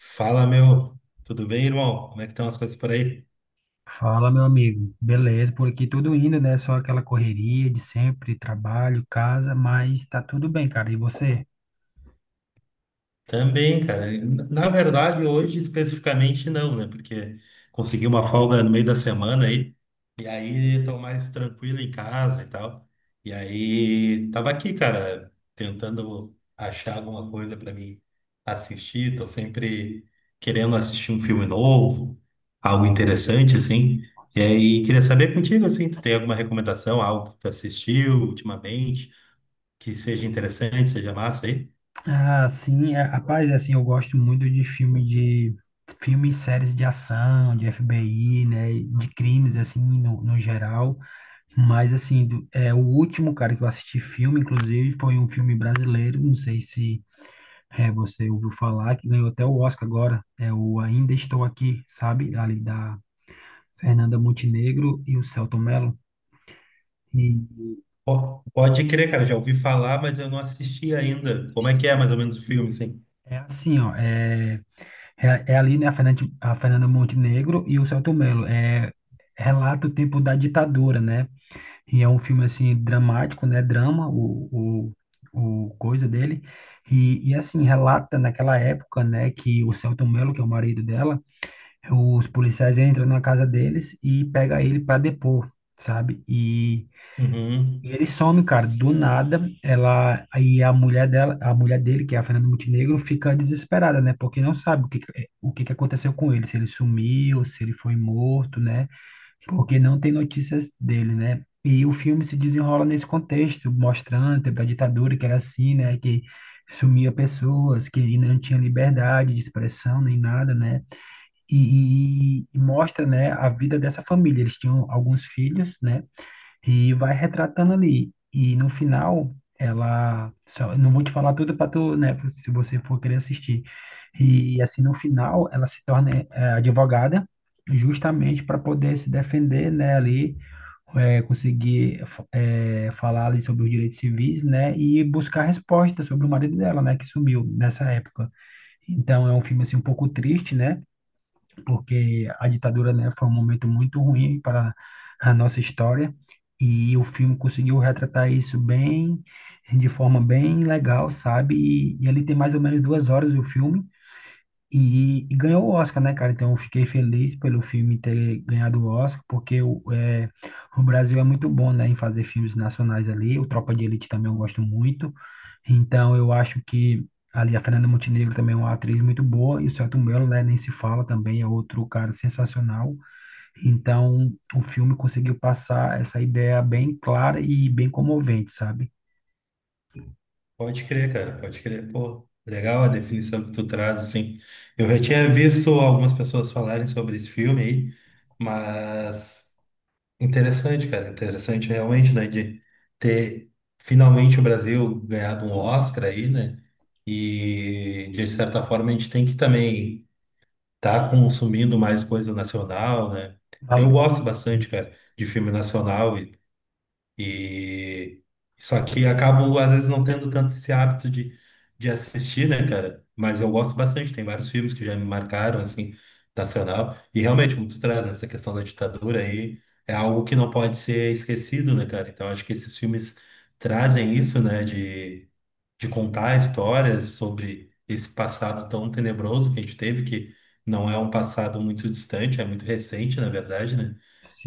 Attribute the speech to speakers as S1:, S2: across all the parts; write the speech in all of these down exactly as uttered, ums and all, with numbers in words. S1: Fala, meu. Tudo bem, irmão? Como é que estão as coisas por aí?
S2: Fala, meu amigo. Beleza, por aqui tudo indo, né? Só aquela correria de sempre, trabalho, casa, mas tá tudo bem, cara. E você?
S1: Também, cara. Na verdade, hoje especificamente não, né? Porque consegui uma folga no meio da semana aí. E aí tô mais tranquilo em casa e tal. E aí tava aqui, cara, tentando achar alguma coisa pra mim assistir. Tô sempre querendo assistir um filme novo, algo interessante, assim. E aí queria saber contigo, assim, tu tem alguma recomendação, algo que tu assistiu ultimamente, que seja interessante, seja massa aí?
S2: Ah, sim, é, rapaz, é assim, eu gosto muito de filme de filmes, séries de ação, de F B I, né, e de crimes assim no, no geral, mas assim, do- é o último cara que eu assisti filme, inclusive, foi um filme brasileiro, não sei se é, você ouviu falar, que ganhou até o Oscar agora, é o Ainda Estou Aqui, sabe, ali da Fernanda Montenegro e o Celton Mello. E
S1: Po- Pode crer, cara, já ouvi falar, mas eu não assisti ainda. Como é que é
S2: este-
S1: mais ou menos o filme, assim?
S2: é assim, ó, é, é, É ali, né, a Fernanda, a Fernanda Montenegro e o Celton Mello. É, relata o tempo da ditadura, né? E é um filme, assim, dramático, né? Drama, o, o, o coisa dele. E, e, assim, relata naquela época, né, que o Celton Mello, que é o marido dela, os policiais entram na casa deles e pega ele para depor, sabe?
S1: Uhum.
S2: E ele some, cara, do nada, ela, aí a mulher dela, a mulher dele, que é a Fernanda Montenegro, fica desesperada, né? Porque não sabe o que, que- o que que aconteceu com ele, se ele sumiu, se ele foi morto, né? Porque não tem notícias dele, né? E o filme se desenrola nesse contexto, mostrando o tempo da ditadura, que era assim, né? Que sumia pessoas, que não tinha liberdade de expressão nem nada, né? E, e- e mostra, né, a vida dessa família. Eles tinham alguns filhos, né? E vai retratando ali. E no final, ela. Só, eu não vou te falar tudo para tu, né? pra- Se você for querer assistir. E assim, no final, ela se torna eh, advogada, justamente para poder se defender, né? Ali, eh, conseguir fa- eh, falar ali sobre os direitos civis, né? E buscar resposta sobre o marido dela, né? Que sumiu nessa época. Então, é um filme assim um pouco triste, né? Porque a ditadura, né, foi um momento muito ruim para a nossa história e o filme conseguiu retratar isso bem, de forma bem legal, sabe? E, e ele tem mais ou menos duas horas o filme e, e ganhou o Oscar, né, cara? Então eu fiquei feliz pelo filme ter ganhado o Oscar, porque o, é, o Brasil é muito bom, né, em fazer filmes nacionais ali. O Tropa de Elite também eu gosto muito. Então, eu acho que ali a Fernanda Montenegro também é uma atriz muito boa, e o Selton Mello, né, nem se fala também, é outro cara sensacional. Então, o filme conseguiu passar essa ideia bem clara e bem comovente, sabe?
S1: Pode crer, cara, pode crer. Pô, legal a definição que tu traz, assim. Eu já tinha visto algumas pessoas falarem sobre esse filme aí, mas interessante, cara, interessante realmente, né, de ter finalmente o Brasil ganhado um Oscar aí, né? E de certa forma a gente tem que também tá consumindo mais coisa nacional, né?
S2: Fala-
S1: Eu gosto bastante,
S2: Isso.
S1: cara, de filme nacional e, e só que acabo às vezes não tendo tanto esse hábito de, de assistir, né, cara? Mas eu gosto bastante, tem vários filmes que já me marcaram assim, nacional. E realmente, como tu traz, né, essa questão da ditadura aí, é algo que não pode ser esquecido, né, cara? Então acho que esses filmes trazem isso, né, de de contar histórias sobre esse passado tão tenebroso que a gente teve, que não é um passado muito distante, é muito recente, na verdade, né?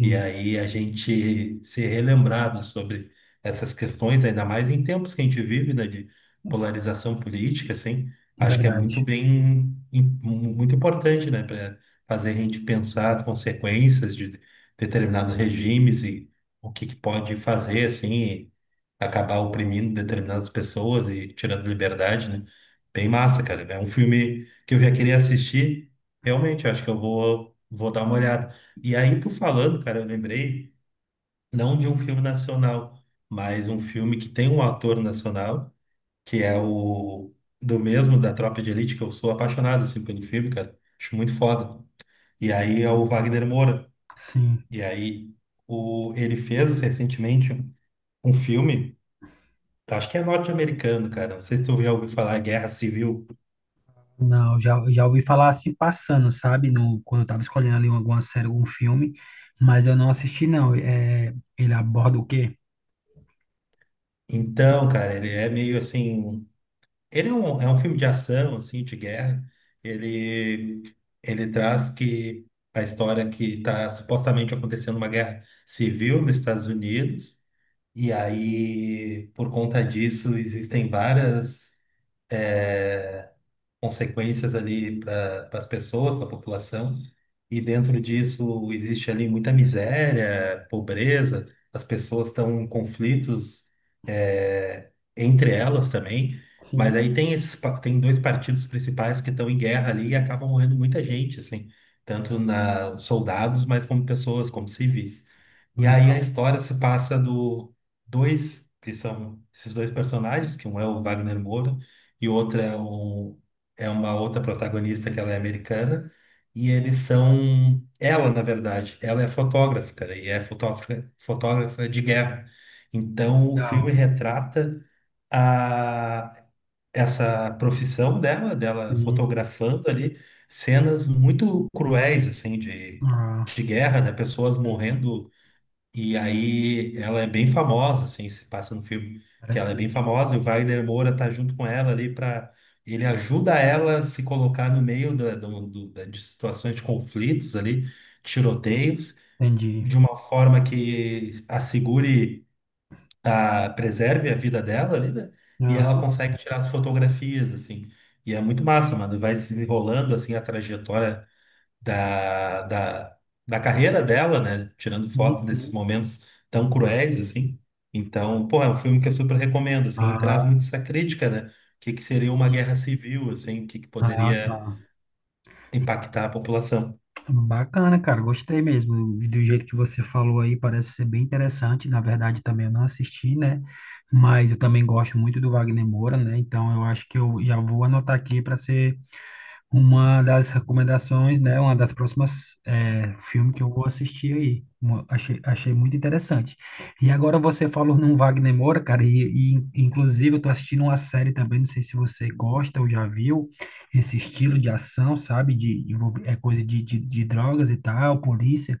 S1: E aí a gente ser relembrado sobre essas questões, ainda mais em tempos que a gente vive, né, de polarização política, assim, acho que é muito
S2: verdade.
S1: bem, im- muito importante, né, para fazer a gente pensar as consequências de determinados regimes e o que que pode fazer, assim, acabar oprimindo determinadas pessoas e tirando liberdade, né? Bem massa, cara. É um filme que eu já queria assistir. Realmente, acho que eu vou, vou dar uma olhada. E aí, tu falando, cara, eu lembrei não de um filme nacional, mas um filme que tem um ator nacional, que é o do mesmo da Tropa de Elite, que eu sou apaixonado assim pelo filme, cara. Acho muito foda. E aí é o Wagner Moura.
S2: Sim.
S1: E aí o ele fez recentemente um filme. Acho que é norte-americano, cara. Não sei se tu já ouviu falar Guerra Civil.
S2: Não, já, já ouvi falar assim passando, sabe? No, Quando eu tava escolhendo ali alguma série, algum filme, mas eu não assisti, não. É, ele aborda o quê?
S1: Então, cara, ele é meio assim. Ele é um, é um filme de ação, assim, de guerra. Ele, ele traz que a história que está supostamente acontecendo uma guerra civil nos Estados Unidos. E aí, por conta disso, existem várias eh, consequências ali para as pessoas, para a população, e dentro disso existe ali muita miséria, pobreza, as pessoas estão em conflitos eh, entre elas também, mas
S2: Sim.
S1: aí tem, esses, pa- tem dois partidos principais que estão em guerra ali e acabam morrendo muita gente, assim, tanto na soldados, mas como pessoas, como civis. E aí a história se passa do dois, que são esses dois personagens, que um é o Wagner Moura e o outro é, o, é uma outra protagonista que ela é americana, e eles são, ela na verdade, ela é fotógrafa, cara, e é fotógrafa, fotógrafa de guerra. Então o filme
S2: Legal.
S1: retrata a, essa profissão dela, dela
S2: Sim.
S1: fotografando ali cenas muito cruéis, assim, de,
S2: Ah,
S1: de guerra, né? Pessoas
S2: sim.
S1: morrendo, e aí ela é bem famosa, assim, se passa no filme que ela é bem
S2: Interessante.
S1: famosa, e o Wagner Moura tá junto com ela ali para ele ajuda ela a se colocar no meio da, do- do- da- de situações de conflitos ali, tiroteios,
S2: Entendi.
S1: de uma forma que assegure a preserve a vida dela ali, né? E ela
S2: Aham.
S1: consegue tirar as fotografias assim. E é muito massa, mano. Vai se desenrolando assim a trajetória da, da, da carreira dela, né? Tirando
S2: Sim,
S1: foto desses
S2: sim.
S1: momentos tão cruéis, assim. Então, pô, é um filme que eu super recomendo, assim, e
S2: Ah,
S1: traz muito essa crítica, né? O que que seria uma guerra civil, assim, o que que
S2: ah, tá.
S1: poderia impactar a população.
S2: Bacana, cara. Gostei mesmo do jeito que você falou aí. Parece ser bem interessante. Na verdade, também eu não assisti, né? Mas eu também gosto muito do Wagner Moura, né? Então eu acho que eu já vou anotar aqui para ser uma das recomendações, né? Uma das próximas é, Filme que eu vou assistir aí. Uma- achei, achei muito interessante. E agora você falou num Wagner Moura, cara, e, e inclusive eu tô assistindo uma série também, não sei se você gosta ou já viu, esse estilo de ação, sabe? De, envolve- é coisa de, de, de drogas e tal, polícia.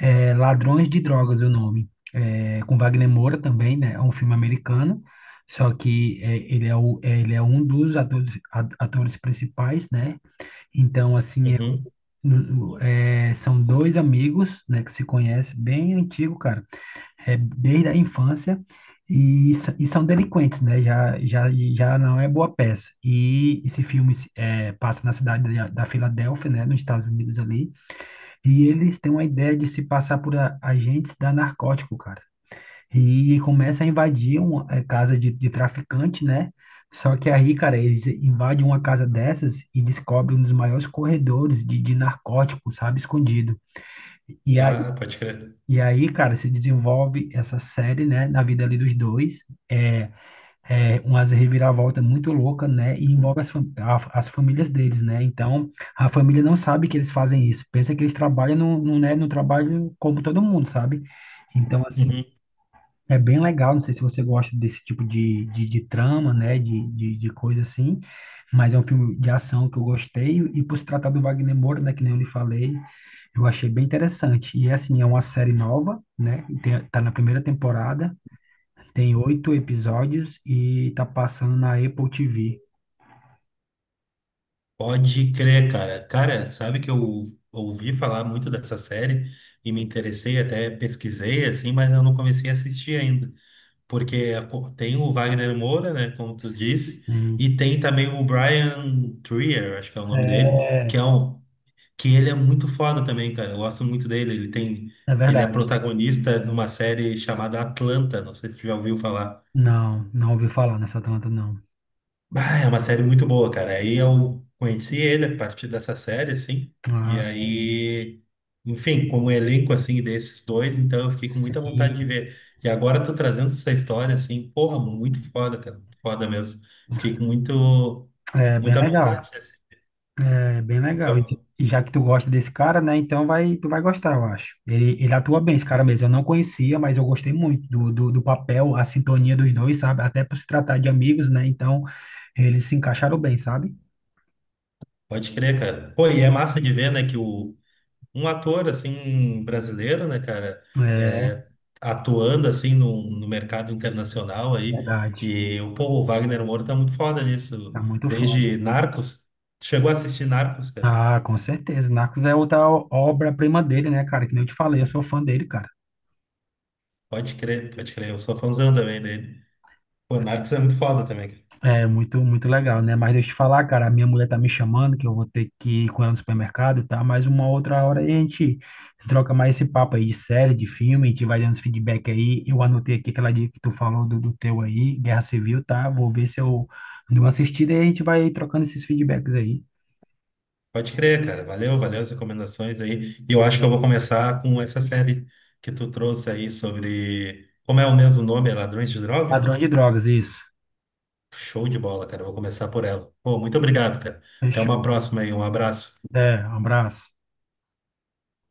S2: É, Ladrões de Drogas é o nome. É, com Wagner Moura também, né? É um filme americano. Só que é, ele é, o, é, ele é um dos atores, a- atores principais, né? Então, assim, é,
S1: Uhum.
S2: no- é, São dois amigos, né, que se conhecem bem antigo, cara, é, desde a infância, e, s- e são delinquentes, né, já, já, já não é boa peça. E esse filme se- é, passa na cidade da, da Filadélfia, né, nos Estados Unidos ali, e eles têm uma ideia de se passar por a- agentes da narcótico, cara. E começa a invadir uma eh, casa de, de traficante, né? Só que aí, cara, eles invadem uma casa dessas e descobrem um dos maiores corredores de, de narcóticos, sabe, escondido. E aí,
S1: Ah, pode crer.
S2: e aí, cara, se desenvolve essa série, né, na vida ali dos dois. É, É umas reviravolta muito louca, né? E envolve as, fam- a- as famílias deles, né? Então, a família não sabe que eles fazem isso. Pensa que eles trabalham no, no, né, no trabalho como todo mundo, sabe? Então, assim
S1: Uhum.
S2: é bem legal, não sei se você gosta desse tipo de, de, de trama, né, de, de, de coisa assim, mas é um filme de ação que eu gostei, e por se tratar do Wagner Moura, né, que nem eu lhe falei, eu achei bem interessante. E assim, é uma série nova, né, tem, tá na primeira temporada, tem oito episódios e tá passando na Apple T V.
S1: Pode crer, cara. Cara, sabe que eu ouvi falar muito dessa série e me interessei, até pesquisei, assim, mas eu não comecei a assistir ainda, porque tem o Wagner Moura, né, como tu disse,
S2: Hum.
S1: e tem também o Brian Trier, acho que é o nome dele, que
S2: É,
S1: é um que ele é muito foda também, cara. Eu gosto muito dele. Ele tem
S2: É
S1: ele é
S2: verdade.
S1: protagonista numa série chamada Atlanta, não sei se tu já ouviu falar.
S2: Não, não ouvi falar nessa Atlanta, não.
S1: Ah, é uma série muito boa, cara. Aí eu conheci ele a partir dessa série, assim. E
S2: Ah, sim.
S1: aí, enfim, como elenco, assim, desses dois, então eu fiquei com muita vontade de
S2: Sim,
S1: ver. E agora eu tô trazendo essa história, assim, porra, muito foda, cara. Foda mesmo. Fiquei com muito,
S2: é bem
S1: muita
S2: legal.
S1: vontade, assim.
S2: É bem legal. E
S1: Eu-
S2: e já que tu gosta desse cara, né? Então vai, tu vai gostar, eu acho. Ele, ele atua bem, esse cara mesmo. Eu não conhecia, mas eu gostei muito do, do, do papel, a sintonia dos dois, sabe? Até por se tratar de amigos, né? Então eles se encaixaram bem, sabe?
S1: Pode crer, cara. Pô, e é massa de ver, né, que o, um ator assim brasileiro, né, cara,
S2: É
S1: é, atuando assim no, no mercado internacional aí,
S2: verdade.
S1: e o povo Wagner Moura tá muito foda nisso.
S2: Tá muito foda.
S1: Desde Narcos, chegou a assistir Narcos, cara.
S2: Ah, com certeza. Narcos é outra o- obra-prima dele, né, cara? Que nem eu te falei, eu sou fã dele, cara.
S1: Pode crer, pode crer, eu sou fãzão também dele. Pô, Narcos é muito foda também, cara.
S2: É muito, muito legal, né? Mas deixa eu te falar, cara, a minha mulher tá me chamando, que eu vou ter que ir com ela no supermercado, tá? Mas uma outra hora a gente troca mais esse papo aí de série, de filme, a gente vai dando esse feedback aí. Eu anotei aqui aquela dica que tu falou do, do teu aí, Guerra Civil, tá? Vou ver se eu dou uma assistida e a gente vai trocando esses feedbacks aí.
S1: Pode crer, cara. Valeu, valeu as recomendações aí. E eu acho que eu vou começar com essa série que tu trouxe aí. Sobre como é o mesmo nome, é Ladrões de Droga?
S2: Padrão de drogas, isso.
S1: Show de bola, cara. Eu vou começar por ela. Pô, muito obrigado, cara. Até uma
S2: Fechou.
S1: próxima aí. Um abraço.
S2: É, um abraço.